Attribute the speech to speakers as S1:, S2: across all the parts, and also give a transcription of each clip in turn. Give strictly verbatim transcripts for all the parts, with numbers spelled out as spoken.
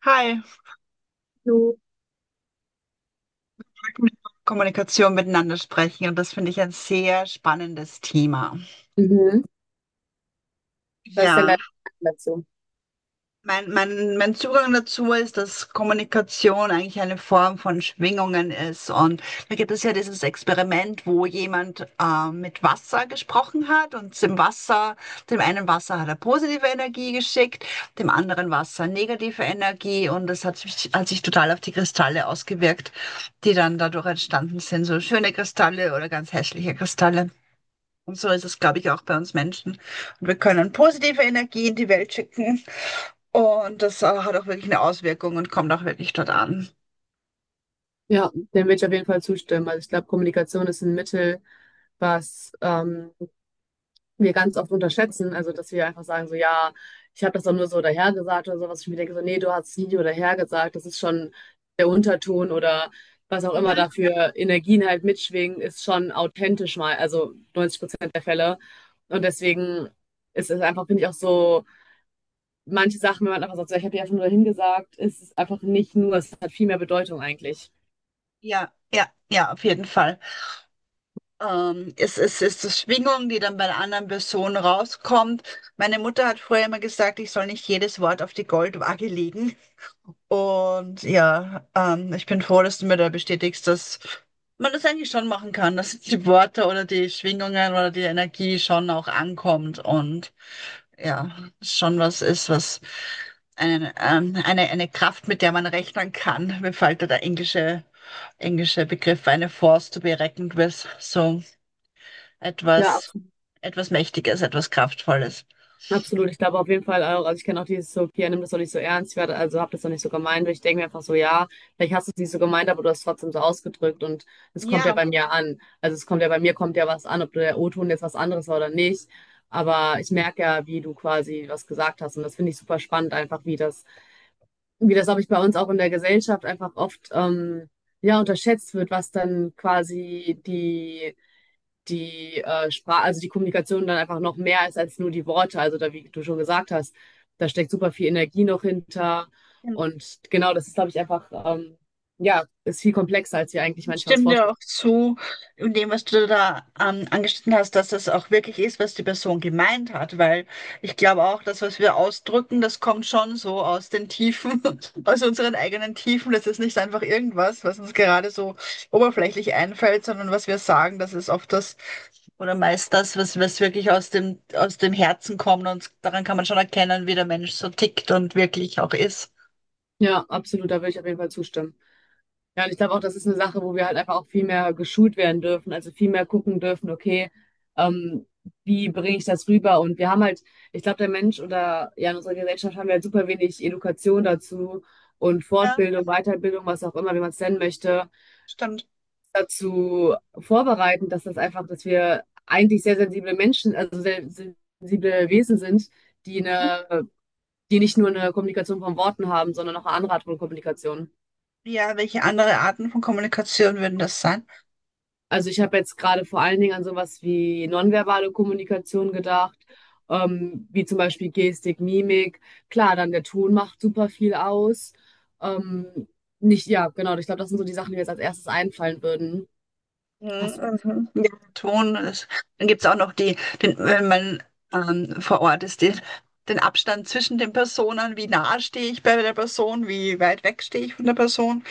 S1: Hi, freut
S2: So.
S1: mich, dass Kommunikation miteinander sprechen und das finde ich ein sehr spannendes Thema.
S2: Mhm. Was ist denn
S1: Ja.
S2: dein Gedanke dazu?
S1: Mein, mein, mein Zugang dazu ist, dass Kommunikation eigentlich eine Form von Schwingungen ist. Und da gibt es ja dieses Experiment, wo jemand äh, mit Wasser gesprochen hat und dem Wasser, dem einen Wasser hat er positive Energie geschickt, dem anderen Wasser negative Energie. Und das hat sich, hat sich total auf die Kristalle ausgewirkt, die dann dadurch entstanden sind. So schöne Kristalle oder ganz hässliche Kristalle. Und so ist es, glaube ich, auch bei uns Menschen. Und wir können positive Energie in die Welt schicken. Und das äh, hat auch wirklich eine Auswirkung und kommt auch wirklich dort an.
S2: Ja, dem würde ich auf jeden Fall zustimmen. Also ich glaube, Kommunikation ist ein Mittel, was ähm, wir ganz oft unterschätzen. Also dass wir einfach sagen, so ja, ich habe das doch nur so dahergesagt oder sowas. Ich mir denke so, nee, du hast es nicht nur dahergesagt. Das ist schon der Unterton oder was auch
S1: Ja,
S2: immer dafür Energien halt mitschwingen, ist schon authentisch mal. Also neunzig Prozent der Fälle. Und deswegen ist es einfach, finde ich, auch so. Manche Sachen, wenn man einfach sagt, so, ich habe ja einfach nur hingesagt, ist es einfach nicht nur, es hat viel mehr Bedeutung eigentlich.
S1: ja, ja, ja, auf jeden Fall. Ähm, es, es ist die Schwingung, die dann bei der anderen Person rauskommt. Meine Mutter hat früher immer gesagt, ich soll nicht jedes Wort auf die Goldwaage legen. Und ja, ähm, ich bin froh, dass du mir da bestätigst, dass man das eigentlich schon machen kann, dass die Worte oder die Schwingungen oder die Energie schon auch ankommt und ja, schon was ist, was eine, ähm, eine, eine Kraft, mit der man rechnen kann. Mir fällt da der englische, englische Begriff eine Force to be reckoned with. So
S2: Ja,
S1: etwas,
S2: absolut,
S1: etwas Mächtiges, etwas Kraftvolles.
S2: absolut. Ich glaube auf jeden Fall auch, also ich kenne auch dieses so, Pia, nimm das doch nicht so ernst, ich werde, also hab das doch nicht so gemeint, ich denke mir einfach so, ja, vielleicht hast du es nicht so gemeint, aber du hast es trotzdem so ausgedrückt und es kommt ja
S1: Ja,
S2: bei mir an. Also es kommt ja bei mir, kommt ja was an, ob der O-Ton jetzt was anderes war oder nicht, aber ich merke ja, wie du quasi was gesagt hast und das finde ich super spannend einfach, wie das Wie das, glaube ich, bei uns auch in der Gesellschaft einfach oft ähm, ja, unterschätzt wird, was dann quasi die, die äh, Sprache, also die Kommunikation dann einfach noch mehr ist als nur die Worte. Also da, wie du schon gesagt hast, da steckt super viel Energie noch hinter.
S1: genau.
S2: Und genau, das ist, glaube ich, einfach, ähm, ja, ist viel komplexer, als wir eigentlich
S1: Ich
S2: manchmal uns
S1: stimme dir
S2: vorstellen.
S1: auch zu in dem, was du da ähm, angeschnitten hast, dass das auch wirklich ist, was die Person gemeint hat, weil ich glaube auch, das, was wir ausdrücken, das kommt schon so aus den Tiefen, aus unseren eigenen Tiefen. Das ist nicht einfach irgendwas, was uns gerade so oberflächlich einfällt, sondern was wir sagen, das ist oft das oder meist das, was, was wirklich aus dem, aus dem Herzen kommt und daran kann man schon erkennen, wie der Mensch so tickt und wirklich auch ist.
S2: Ja, absolut, da würde ich auf jeden Fall zustimmen. Ja, und ich glaube auch, das ist eine Sache, wo wir halt einfach auch viel mehr geschult werden dürfen, also viel mehr gucken dürfen, okay, ähm, wie bringe ich das rüber? Und wir haben halt, ich glaube, der Mensch oder ja, in unserer Gesellschaft haben wir halt super wenig Education dazu und
S1: Ja,
S2: Fortbildung, Weiterbildung, was auch immer, wie man es nennen möchte,
S1: stimmt.
S2: dazu vorbereiten, dass das einfach, dass wir eigentlich sehr sensible Menschen, also sehr sensible Wesen sind, die
S1: Mhm.
S2: eine, die nicht nur eine Kommunikation von Worten haben, sondern auch eine andere Art von Kommunikation.
S1: Ja, welche andere Arten von Kommunikation würden das sein?
S2: Also ich habe jetzt gerade vor allen Dingen an sowas wie nonverbale Kommunikation gedacht, ähm, wie zum Beispiel Gestik, Mimik. Klar, dann der Ton macht super viel aus. Ähm, nicht, ja, genau. Ich glaube, das sind so die Sachen, die mir jetzt als erstes einfallen würden. Hast
S1: Mhm, mhm. Ja, Ton. Das, dann gibt es auch noch die, den, wenn man ähm, vor Ort ist, den, den Abstand zwischen den Personen, wie nah stehe ich bei der Person, wie weit weg stehe ich von der Person,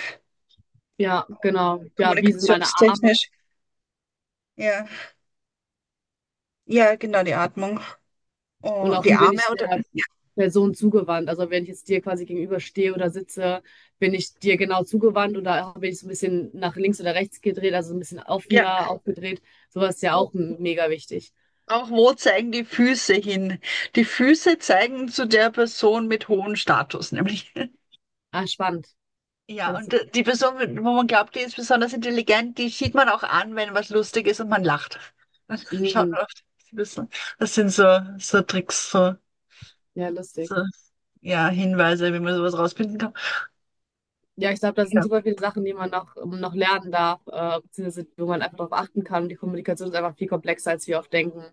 S2: du, ja, genau. Ja, wie sind meine Arme
S1: kommunikationstechnisch. Ja, ja, genau, die Atmung.
S2: und
S1: Oh,
S2: auch
S1: die
S2: wie bin
S1: Arme
S2: ich
S1: oder
S2: der
S1: ja,
S2: Person zugewandt? Also wenn ich jetzt dir quasi gegenüberstehe oder sitze, bin ich dir genau zugewandt oder bin ich so ein bisschen nach links oder rechts gedreht, also so ein bisschen
S1: ja.
S2: offener aufgedreht? Sowas ist ja
S1: Wo,
S2: auch m- mega wichtig.
S1: auch wo zeigen die Füße hin? Die Füße zeigen zu der Person mit hohem Status, nämlich.
S2: Ah, spannend. Ja,
S1: Ja,
S2: das
S1: und
S2: ist,
S1: äh, die Person, wo man glaubt, die ist besonders intelligent, die sieht man auch an, wenn was lustig ist und man lacht. Dann schaut
S2: mm,
S1: man auf die Person. Das sind so, so Tricks, so,
S2: ja, lustig.
S1: so, ja, Hinweise, wie man sowas rausfinden kann.
S2: Ja, ich glaube, da sind
S1: Ja.
S2: super viele Sachen, die man noch, ähm, noch lernen darf, äh, beziehungsweise wo man einfach darauf achten kann. Die Kommunikation ist einfach viel komplexer, als wir oft denken.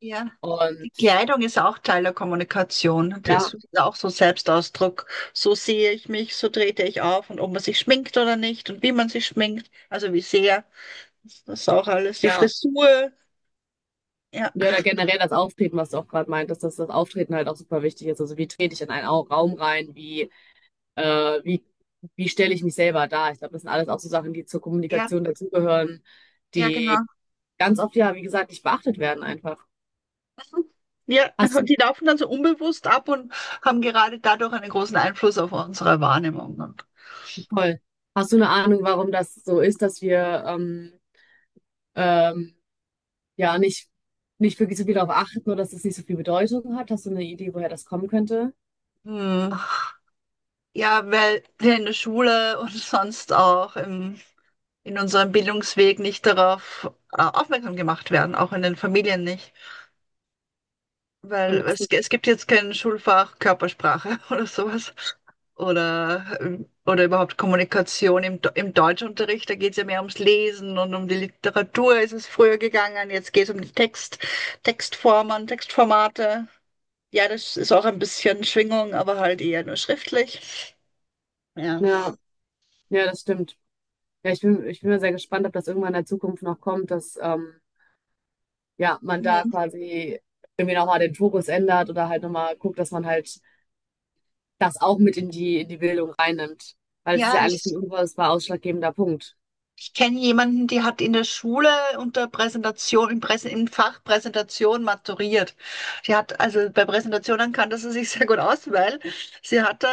S1: Ja.
S2: Und
S1: Die Kleidung ist auch Teil der Kommunikation.
S2: ja,
S1: Das ist auch so Selbstausdruck. So sehe ich mich, so trete ich auf und ob man sich schminkt oder nicht und wie man sich schminkt, also wie sehr. Das ist auch alles. Die
S2: ja,
S1: Frisur. Ja,
S2: ja, oder generell das Auftreten, was du auch gerade meintest, dass das Auftreten halt auch super wichtig ist. Also wie trete ich in einen Au- Raum rein, wie, äh, wie, wie stelle ich mich selber dar? Ich glaube, das sind alles auch so Sachen, die zur
S1: ja,
S2: Kommunikation dazugehören,
S1: ja, genau.
S2: die ganz oft, ja, wie gesagt, nicht beachtet werden einfach.
S1: Ja,
S2: Hast
S1: die
S2: du,
S1: laufen dann so unbewusst ab und haben gerade dadurch einen großen Einfluss auf unsere Wahrnehmung. Und,
S2: voll. Hast du eine Ahnung, warum das so ist, dass wir ähm, ähm, ja nicht, nicht wirklich so viel darauf achten oder dass es nicht so viel Bedeutung hat? Hast du eine Idee, woher das kommen könnte?
S1: hm, ja, weil wir in der Schule und sonst auch im, in unserem Bildungsweg nicht darauf äh, aufmerksam gemacht werden, auch in den Familien nicht. Weil
S2: Und das,
S1: es, es gibt jetzt kein Schulfach Körpersprache oder sowas. Oder, ähm, oder überhaupt Kommunikation im, Do- im Deutschunterricht. Da geht es ja mehr ums Lesen und um die Literatur ist es früher gegangen. Jetzt geht es um die Text, Textformen, Textformate. Ja, das ist auch ein bisschen Schwingung, aber halt eher nur schriftlich. Ja.
S2: ja, ja, das stimmt. Ja, ich bin, ich bin mal sehr gespannt, ob das irgendwann in der Zukunft noch kommt, dass ähm, ja, man
S1: Mhm.
S2: da quasi irgendwie nochmal den Fokus ändert oder halt nochmal guckt, dass man halt das auch mit in die, in die Bildung reinnimmt. Weil es ist
S1: Ja,
S2: ja eigentlich
S1: ich,
S2: ein unfassbar ausschlaggebender Punkt.
S1: Ich kenne jemanden, die hat in der Schule unter Präsentation, im, Präsen, im Fach Präsentation maturiert. Die hat, also bei Präsentationen kannte sie sich sehr gut aus, weil sie hatte,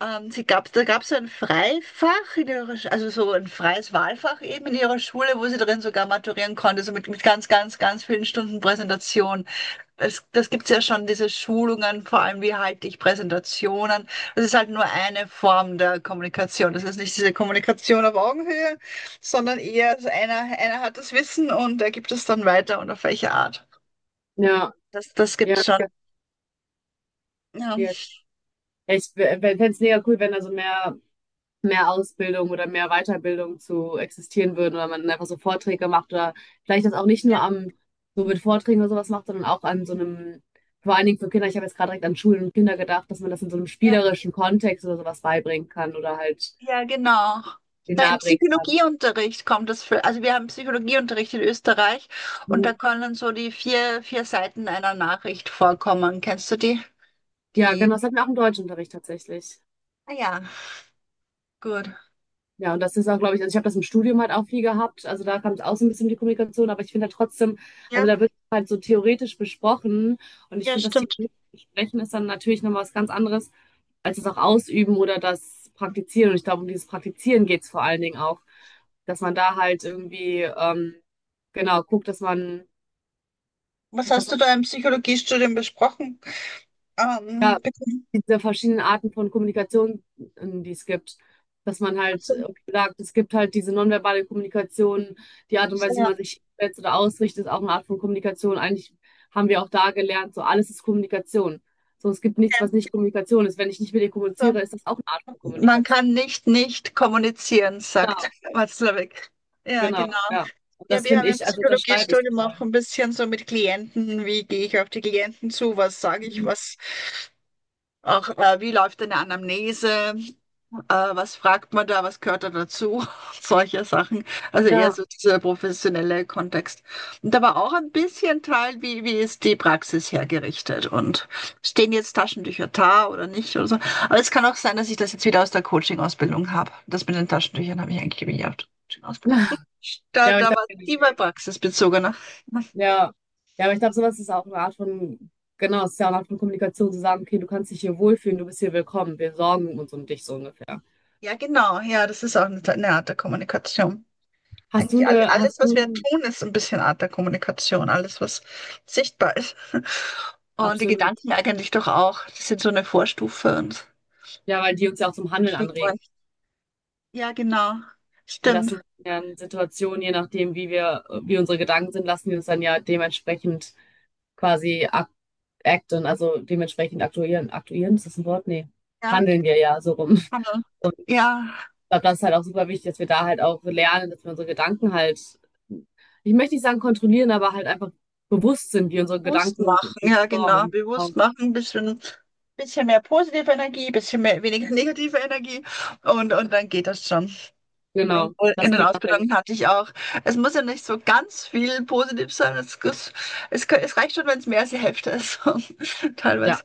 S1: ähm, sie gab, da gab es so ein Freifach in ihrer, Sch- also so ein freies Wahlfach eben in ihrer Schule, wo sie drin sogar maturieren konnte, so mit, mit ganz, ganz, ganz vielen Stunden Präsentation. Es, das gibt's ja schon, diese Schulungen, vor allem wie halte ich Präsentationen. Das ist halt nur eine Form der Kommunikation. Das ist nicht diese Kommunikation auf Augenhöhe, sondern eher so einer, einer hat das Wissen und er gibt es dann weiter und auf welche Art.
S2: Ja,
S1: Das, das gibt's
S2: ja,
S1: schon.
S2: ja.
S1: Ja,
S2: Ja, ich fände es mega cool, wenn da so mehr. Mehr Ausbildung oder mehr Weiterbildung zu existieren würden oder man einfach so Vorträge macht oder vielleicht das auch nicht nur
S1: ja,
S2: am, so mit Vorträgen oder sowas macht, sondern auch an so einem, vor allen Dingen für Kinder, ich habe jetzt gerade direkt an Schulen und Kinder gedacht, dass man das in so einem
S1: ja,
S2: spielerischen Kontext oder sowas beibringen kann oder halt
S1: ja, genau.
S2: den
S1: Da im
S2: nahebringen kann.
S1: Psychologieunterricht kommt das für, also wir haben Psychologieunterricht in Österreich und da
S2: Mhm.
S1: können so die vier, vier Seiten einer Nachricht vorkommen. Kennst du die?
S2: Ja,
S1: Die,
S2: genau, das hatten wir auch im Deutschunterricht tatsächlich.
S1: ah ja, gut.
S2: Ja, und das ist auch, glaube ich, also ich habe das im Studium halt auch viel gehabt. Also da kam es auch so ein bisschen die Kommunikation, aber ich finde halt trotzdem, also
S1: Ja,
S2: da wird halt so theoretisch besprochen und ich
S1: ja,
S2: finde, das
S1: stimmt.
S2: theoretische Besprechen ist dann natürlich nochmal was ganz anderes als das auch ausüben oder das Praktizieren. Und ich glaube, um dieses Praktizieren geht es vor allen Dingen auch, dass man da halt irgendwie, ähm, genau, guckt, dass man,
S1: Was
S2: dass
S1: hast du
S2: man
S1: da im Psychologiestudium besprochen?
S2: ja,
S1: Ähm, bekommen?
S2: diese verschiedenen Arten von Kommunikation, ähm, die es gibt. Dass man
S1: Ach
S2: halt
S1: so, ach
S2: irgendwie sagt, es gibt halt diese nonverbale Kommunikation, die Art und
S1: so,
S2: Weise, wie
S1: ja.
S2: man sich setzt oder ausrichtet, ist auch eine Art von Kommunikation. Eigentlich haben wir auch da gelernt, so alles ist Kommunikation. So, es gibt nichts,
S1: Ja,
S2: was nicht Kommunikation ist. Wenn ich nicht mit dir
S1: so.
S2: kommuniziere, ist das auch eine Art von
S1: Man
S2: Kommunikation.
S1: kann nicht nicht kommunizieren, sagt Watzlawick. Ja,
S2: Genau,
S1: genau.
S2: ja. Und
S1: Ja,
S2: das
S1: wir haben
S2: finde
S1: im
S2: ich, also das schreibe ich
S1: Psychologiestudium auch
S2: total.
S1: ein bisschen so mit Klienten, wie gehe ich auf die Klienten zu, was sage ich,
S2: Mhm.
S1: was auch, äh, wie läuft eine Anamnese, äh, was fragt man da, was gehört da dazu? Solche Sachen. Also eher
S2: Ja.
S1: so dieser professionelle Kontext. Und aber auch ein bisschen Teil, wie, wie ist die Praxis hergerichtet und stehen jetzt Taschentücher da oder nicht oder so. Aber es kann auch sein, dass ich das jetzt wieder aus der Coaching-Ausbildung habe. Das mit den Taschentüchern habe ich eigentlich wieder aus der Coaching-Ausbildung. Da,
S2: Ja, aber
S1: da
S2: ich habe
S1: war
S2: keine
S1: es immer
S2: Idee.
S1: praxisbezogener.
S2: Ja, ja, aber ich glaube, sowas ist auch eine Art von, genau, es ist ja auch eine Art von Kommunikation, zu sagen, okay, du kannst dich hier wohlfühlen, du bist hier willkommen, wir sorgen uns um dich so ungefähr.
S1: Ja, genau. Ja, das ist auch eine, eine Art der Kommunikation.
S2: Hast du
S1: Eigentlich all-
S2: eine, hast
S1: alles, was wir
S2: du,
S1: tun, ist so ein bisschen Art der Kommunikation. Alles, was sichtbar ist. Und die
S2: absolut,
S1: Gedanken eigentlich doch auch. Das sind so eine Vorstufe und
S2: ja, weil die uns ja auch zum Handeln anregen.
S1: Figuren. Ja, genau.
S2: Die
S1: Stimmt.
S2: lassen uns ja in Situationen, je nachdem, wie wir, wie unsere Gedanken sind, lassen die uns dann ja dementsprechend quasi ac- acten, also dementsprechend aktuieren. Aktuieren, ist das ein Wort? Nee.
S1: Ja,
S2: Handeln wir ja so rum.
S1: kann man. Ja,
S2: Glaube, das ist halt auch super wichtig, dass wir da halt auch lernen, dass wir unsere Gedanken halt, ich möchte nicht sagen kontrollieren, aber halt einfach bewusst sind, wie unsere
S1: bewusst
S2: Gedanken
S1: machen.
S2: sich
S1: Ja, genau.
S2: formen.
S1: Bewusst machen. Ein bisschen, bisschen mehr positive Energie, bisschen mehr, weniger negative Energie. Und, und dann geht das schon.
S2: Genau,
S1: In
S2: das
S1: den
S2: Thema.
S1: Ausbildungen hatte ich auch. Es muss ja nicht so ganz viel positiv sein. Es, es, es, es reicht schon, wenn es mehr als die Hälfte ist. Teilweise.
S2: Ja.